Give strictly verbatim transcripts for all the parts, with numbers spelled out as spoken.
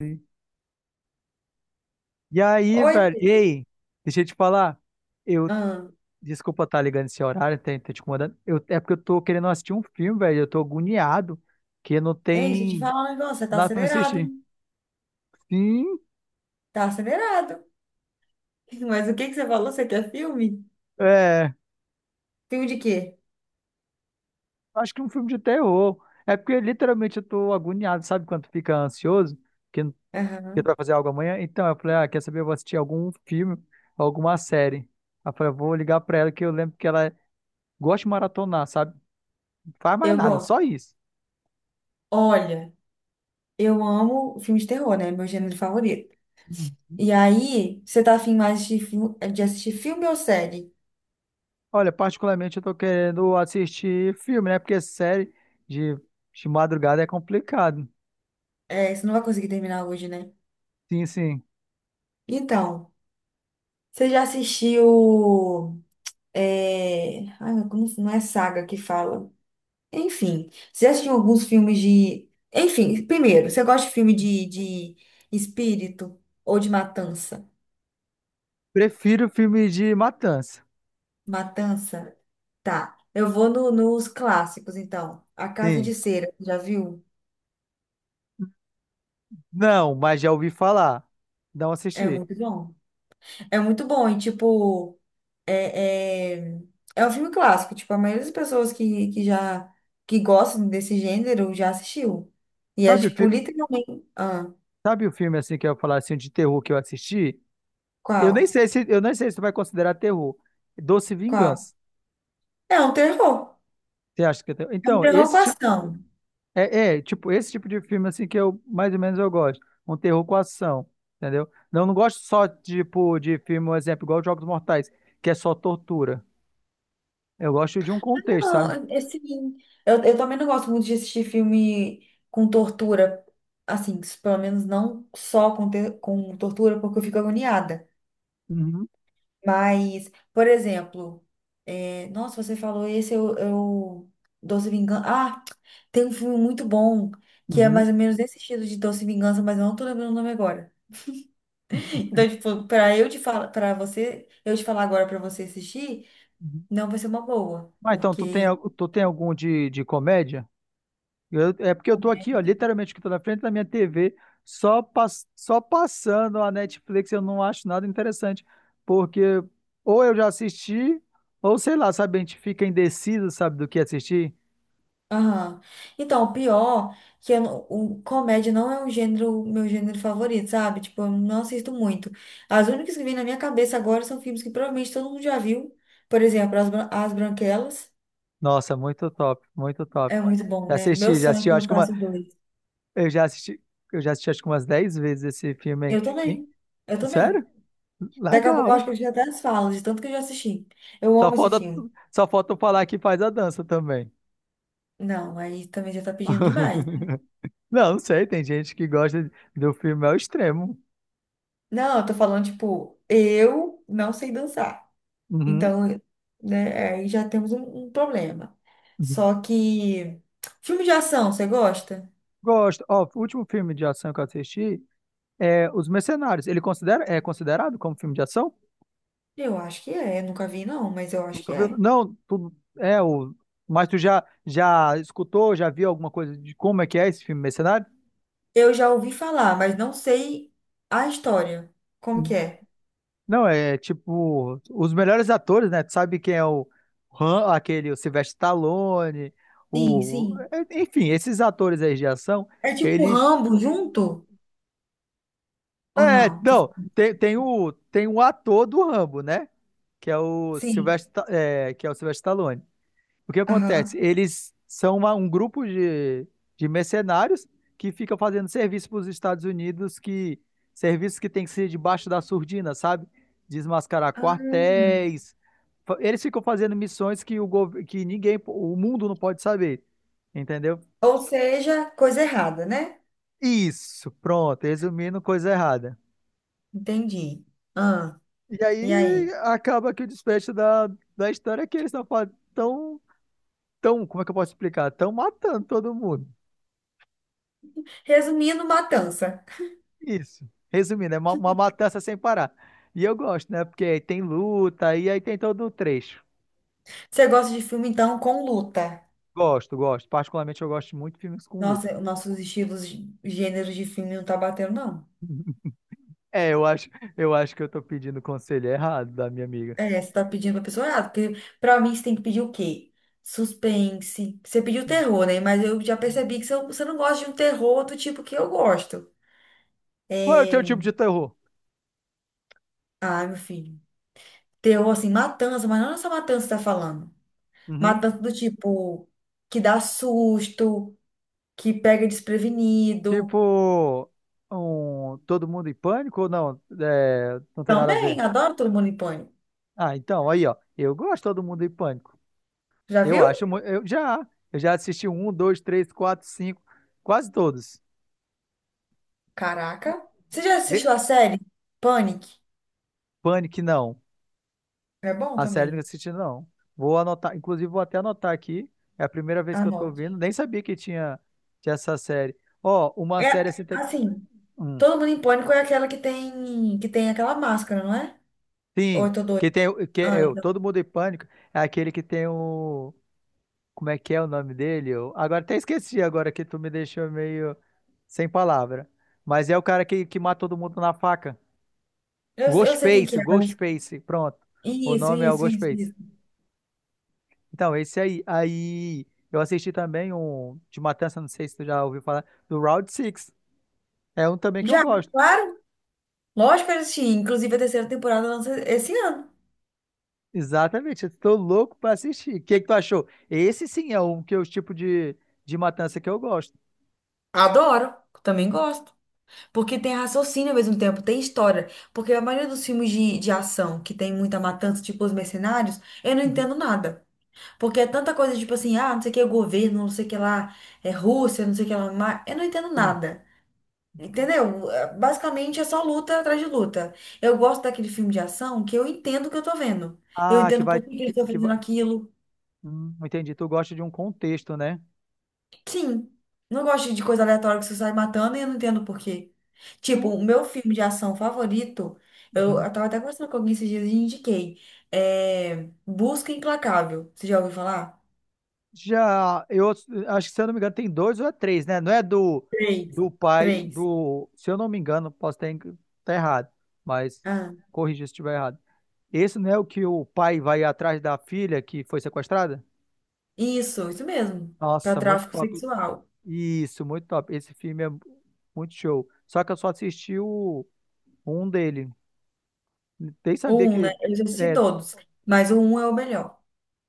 Sim. E aí, Oi, velho, Fê. ei, deixa eu te falar. Eu, ah, desculpa estar ligando esse horário, tá, tá te incomodando. Eu, é porque eu tô querendo assistir um filme, velho. Eu tô agoniado, que não Ei, deixa eu te tem falar um negócio, você tá nada pra me acelerado, assistir. hein? Sim, Tá acelerado. Mas o que que você falou? Você quer filme? é, Filme de quê? acho que é um filme de terror. É porque literalmente eu tô agoniado, sabe quando tu fica ansioso, que, não- que tu vai Aham. fazer algo amanhã? Então, eu falei, ah, quer saber? Eu vou assistir algum filme, alguma série. Aí eu falei, eu vou ligar pra ela, que eu lembro que ela gosta de maratonar, sabe? Não faz mais Eu nada, gosto. só isso. Olha, eu amo filme de terror, né? Meu gênero favorito. E aí, você tá afim mais de, fi- de assistir filme ou série? Olha, particularmente eu tô querendo assistir filme, né? Porque série de, de madrugada é complicado. É, você não vai conseguir terminar hoje, né? Sim, sim. Então, você já assistiu... É... Ai, como não é saga que fala? Enfim, você assistiu alguns filmes de. Enfim, primeiro, você gosta de filme de, de espírito ou de matança? Prefiro filme de matança. Matança? Tá. Eu vou no- nos clássicos, então. A Casa Sim. de Cera, já viu? Não, mas já ouvi falar. Não É assisti. muito bom. É muito bom, e tipo, é, é, é um filme clássico. Tipo, a maioria das pessoas que, que já que gostam desse gênero já assistiu. E é Sabe o tipo, filme, literalmente. Ah, sabe o filme assim que eu ia falar assim de terror que eu assisti? Eu nem qual? sei se eu nem sei se tu vai considerar terror. Doce Qual? Vingança. É um terror. Você acha que é terror? É um Então, terror com esse tipo ação. É, é, tipo, esse tipo de filme, assim, que eu, mais ou menos, eu gosto. Um terror com ação, entendeu? Não, não gosto só, tipo, de filme, um exemplo, igual Jogos Mortais, que é só tortura. Eu gosto de um contexto, Não, sabe? é assim, eu, eu também não gosto muito de assistir filme com tortura, assim, pelo menos não só com, te- com tortura, porque eu fico agoniada. Uhum, Mas, por exemplo, é, nossa, você falou esse, eu, eu Doce Vingança. Ah, tem um filme muito bom que é uhum, mais ou menos desse estilo de Doce Vingança, mas eu não tô lembrando o nome agora. Então, tipo, pra eu te falar, pra você, eu te falar agora pra você assistir, uhum. não vai ser uma boa, Ah, então, tu tem, porque al- tu tem algum de, de comédia? Eu- é porque eu tô aqui, ó, literalmente que tô na frente da minha T V, só, pass- só passando a Netflix, eu não acho nada interessante, porque ou eu já assisti, ou sei lá, sabe, a gente fica indeciso, sabe, do que assistir. Aham. Então, o pior que eu, não- o comédia não é um gênero, meu gênero favorito, sabe? Tipo, eu não assisto muito. As únicas que vêm na minha cabeça agora são filmes que provavelmente todo mundo já viu. Por exemplo, As, Bran- As Branquelas. Nossa, muito top, muito top. É muito bom, Já né? Meu assisti, já sonho é assisti, que eu acho que uma, lançasse o dois. eu já assisti, eu já assisti acho que umas dez vezes esse filme Eu aí. também. Eu também. Sério? Daqui a pouco eu acho que Legal. eu já até as falo, de tanto que eu já assisti. Eu Só amo esse falta, filme. só falta eu falar que faz a dança também. Não, aí também já tá pedindo demais, né? Não, não sei, tem gente que gosta do filme ao extremo. Não, eu tô falando, tipo, eu não sei dançar. Uhum, Então, né, aí já temos um, um problema. uhum. Só que filme de ação, você gosta? Gosto. Ó, o último filme de ação que eu assisti é Os Mercenários. Ele considera, é considerado como filme de ação? Eu acho que é, nunca vi não, mas eu acho que Nunca viu? é. Não, tu, é o. Mas tu já, já escutou, já viu alguma coisa de como é que é esse filme Mercenário? Eu já ouvi falar, mas não sei a história. Como que é? Não, é tipo, os melhores atores, né? Tu sabe quem é o Han, aquele, o Sylvester Stallone, Sim, o. sim. é, Enfim, esses atores aí de ação, É tipo eles. Rambo junto ou É, não? Tô- não, tem, tem o, tem o ator do Rambo, né? Que é o Sim. Sylvester, Sta- é, que é o Sylvester Stallone. O que acontece? Aham. Eles são uma- um grupo de, de mercenários que fica fazendo serviço para os Estados Unidos, que serviços que tem que ser debaixo da surdina, sabe? Desmascarar Ah. quartéis. Fa- Eles ficam fazendo missões que o gov- que ninguém, o mundo não pode saber, entendeu? Ou seja, coisa errada, né? Isso, pronto, resumindo, coisa errada. Entendi. Ah, E aí e aí? acaba que o desfecho da, da história é que eles estão tão, fa- tão, tão- como é que eu posso explicar? Estão matando todo mundo. Resumindo, matança. Isso. Resumindo, é uma, uma matança sem parar. E eu gosto, né? Porque aí tem luta e aí tem todo o trecho. Você gosta de filme então com luta? Gosto, gosto. Particularmente eu gosto muito de filmes com luta. Nossa, nossos estilos, de- gêneros de filme não tá batendo, não. É, eu acho, eu acho que eu tô pedindo conselho errado da minha amiga. É, você tá pedindo pra pessoa errada, porque pra mim você tem que pedir o quê? Suspense. Você pediu terror, né? Mas eu já percebi que você você não gosta de um terror do tipo que eu gosto. Qual é o teu tipo de terror? Ai, meu filho. Terror, assim, matança, mas não essa matança que você tá falando. Uhum. Matança do tipo que dá susto, que pega desprevenido. Tipo, um, Todo Mundo em Pânico ou não? É, não tem nada a ver. Também, adoro Todo Mundo em Pânico. Ah, então, aí, ó. Eu gosto de Todo Mundo em Pânico. Já Eu viu? acho, mu- eu já, eu já assisti um, dois, três, quatro, cinco, quase todos. Caraca. Você já assistiu a série Panic? Panic, não. É bom A série também. que eu não. Vou anotar, inclusive vou até anotar aqui. É a primeira vez que Ah, eu tô não. ouvindo. Nem sabia que tinha, tinha essa série. Ó, uma série É, assim. tam- assim, Hum, todo mundo em pânico é aquela que tem, que tem aquela máscara, não é? Ou sim, eu tô doida? que tem. o- Que Ah, é, o Todo então. Mundo em Pânico é aquele que tem o. Como é que é o nome dele? Eu, agora até esqueci agora que tu me deixou meio sem palavra. Mas é o cara que, que mata todo mundo na faca. Eu, eu sei quem que Ghostface, é, mas... Ghostface. Pronto. O Isso, nome é o isso, isso, Ghostface. isso. Então, esse aí. Aí eu assisti também um de Matança, não sei se tu já ouviu falar, do Round Six. É um também que eu Já, gosto. claro. Lógico que eu assisti. Inclusive, a terceira temporada lança esse ano. Exatamente, eu tô louco pra assistir. O que que tu achou? Esse sim é um que é o tipo de, de matança que eu gosto. Adoro. Também gosto. Porque tem raciocínio ao mesmo tempo, tem história. Porque a maioria dos filmes de, de ação, que tem muita matança, tipo Os Mercenários, eu não Uhum. entendo nada. Porque é tanta coisa, tipo assim, ah, não sei o que é o governo, não sei o que lá, é Rússia, não sei o que lá, ma- eu não entendo Sim. nada. Entendeu? É, basicamente é só luta atrás de luta. Eu gosto daquele filme de ação que eu entendo o que eu tô vendo. Eu Ah, que entendo vai, por que que eles que, estão que fazendo vai. aquilo. Hum, entendi. Tu gosta de um contexto, né? Sim. Não gosto de coisa aleatória que você sai matando e eu não entendo por quê. Tipo, Tu- o meu filme de ação favorito, eu, Uhum. eu tava até conversando com alguém esses dias e indiquei. É Busca Implacável. Você já ouviu falar? Já, eu acho que se eu não me engano tem dois ou é três, né? Não é do Três. do pai Três. do, se eu não me engano, posso estar em- tá errado, mas Ah, corrija se estiver errado. Esse não é o que o pai vai atrás da filha que foi sequestrada? isso, isso mesmo. Pra Nossa, muito tráfico top. sexual. Isso, muito top. Esse filme é muito show. Só que eu só assisti o um dele. Nem O sabia um, né? que Eu já assisti é, todos, mas o um é o melhor.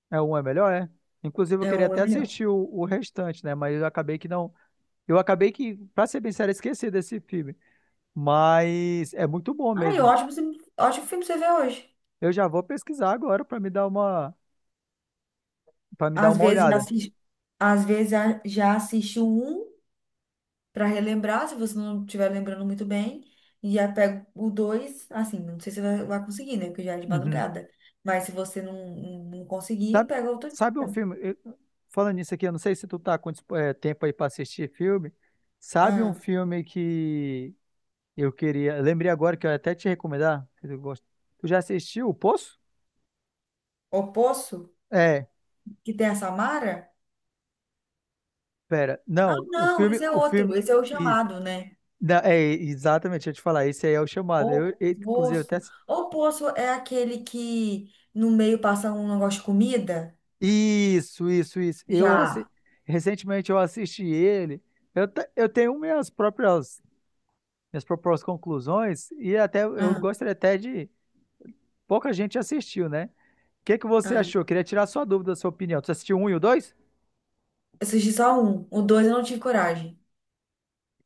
é um é melhor, é? Inclusive, eu É, o queria um é até o melhor. assistir o, o restante, né? Mas eu acabei que não. Eu acabei que, pra ser bem sério, esqueci desse filme. Mas é muito bom Ai, mesmo. ótimo, filme- ótimo filme você vê hoje. Eu já vou pesquisar agora pra me dar uma, para me dar Às uma vezes já olhada. assisto, às vezes a- já assisto um para relembrar, se você não estiver lembrando muito bem, e já pego o dois, assim, não sei se vai, vai conseguir, né? Porque já é de Uhum. madrugada. Mas se você não, não, não conseguir, Sabe, pega outro sabe um dia. filme? eu- falando nisso aqui, eu não sei se tu tá com dispo- eh, tempo aí pra assistir filme. Sabe um Ah, filme que eu queria. Lembrei agora que eu ia até te recomendar. Que Eu gosto. Tu já assistiu O Poço? O Poço, É, que tem a Samara? pera. Ah, Não, o não, filme. esse é O filme. outro, esse é o Isso. chamado, né? Não, é, exatamente, deixa eu te falar. Esse aí é o chamado. Eu, O eu, inclusive, eu até. Poço. assi- O Poço é aquele que no meio passa um negócio de comida? Isso, isso, isso. Eu assi- Já. recentemente eu assisti ele. Eu, te- eu tenho minhas próprias, minhas próprias conclusões, e até eu Ah. gostaria até de pouca gente assistiu, né? O que que você Ah. achou? Queria tirar sua dúvida, sua opinião. Você assistiu um e o dois? Assisti só um. O dois eu não tive coragem.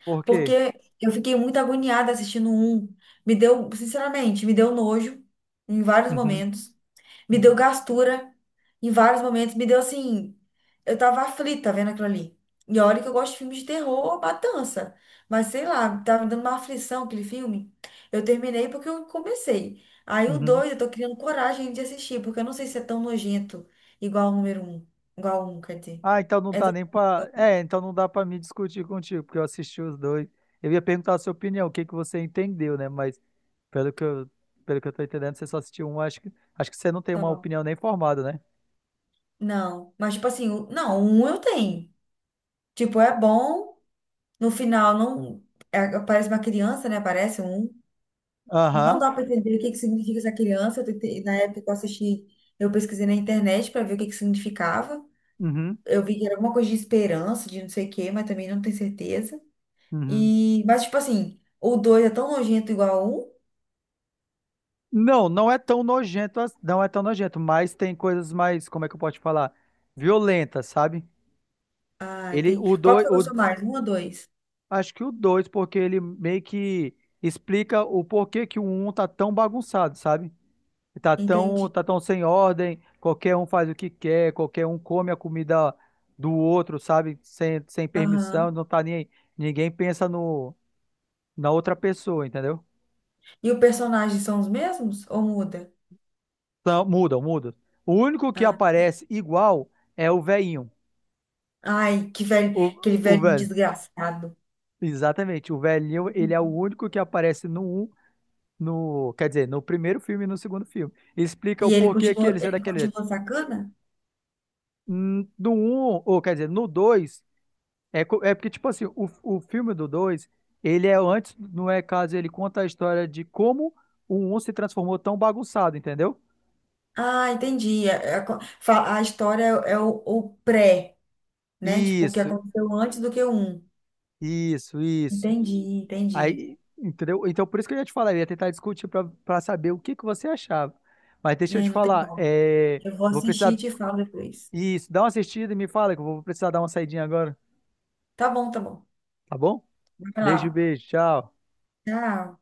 Por quê? Porque eu fiquei muito agoniada assistindo o um. Me deu, sinceramente, me deu nojo em vários Uhum, momentos. Me deu uhum, gastura em vários momentos. Me deu assim. Eu tava aflita vendo aquilo ali. E olha que eu gosto de filmes de terror, matança. Mas sei lá, tava me dando uma aflição aquele filme. Eu terminei porque eu comecei. Aí o uhum. dois eu tô criando coragem de assistir, porque eu não sei se é tão nojento igual o número um. Igual o um, quer dizer. Ah, então não É dá nem pra. É, então não dá pra me discutir contigo, porque eu assisti os dois. Eu ia perguntar a sua opinião, o que que você entendeu, né? Mas pelo que eu, pelo que eu tô entendendo, você só assistiu um, acho que, acho que você não tem uma tão. opinião nem formada, né? Não, mas tipo assim, o- não, um eu tenho. Tipo, é bom, no final não. É- parece uma criança, né? Parece um. Não Aham. dá para entender o que que significa essa criança. Eu tentei- na época que eu assisti, eu pesquisei na internet para ver o que que significava. Uhum. Eu vi que era alguma coisa de esperança, de não sei o quê, mas também não tenho certeza. Uhum. E, mas tipo assim, o dois é tão nojento igual a um. Não, não é tão nojento, as- não é tão nojento, mas tem coisas mais, como é que eu posso te falar? Violentas, sabe? Ah, Ele, tem. o Qual que dois, você gostou mais? Um ou dois? acho que o dois porque ele meio que explica o porquê que o um tá tão bagunçado, sabe? Tá tão, Entendi. tá tão sem ordem, qualquer um faz o que quer, qualquer um come a comida do outro, sabe? Sem, sem permissão, Aham. não tá nem aí. Ninguém pensa no, na outra pessoa, entendeu? E os personagens são os mesmos ou muda? Então, muda, muda. O único que aparece igual é o velhinho. Ai, que velho, O, aquele o velho velho. desgraçado. Exatamente. O velhinho, ele é o único que aparece no um, no, quer dizer, no primeiro filme e no segundo filme. Explica E o ele porquê que continuou, ele é ele daquele jeito. continuou sacana? Hum, No um, ou quer dizer, no dois é, co- é porque, tipo assim, o, o filme do dois ele é antes, não é caso, ele conta a história de como o um se transformou tão bagunçado, entendeu? Ah, entendi. A, a co- fa- a história é é o, o pré, né? Tipo, o que Isso, aconteceu antes do que o um. isso, isso. Entendi, entendi. Aí, entendeu? Então, por isso que eu ia te falar, eu ia tentar discutir pra, pra saber o que que você achava. Mas deixa eu É, te não tem falar, como. é, eu Eu vou vou assistir e precisar, te falo depois. isso, dá uma assistida e me fala que eu vou precisar dar uma saidinha agora, Tá bom, tá bom. tá bom? Vai Beijo, lá. beijo. Tchau. Tchau.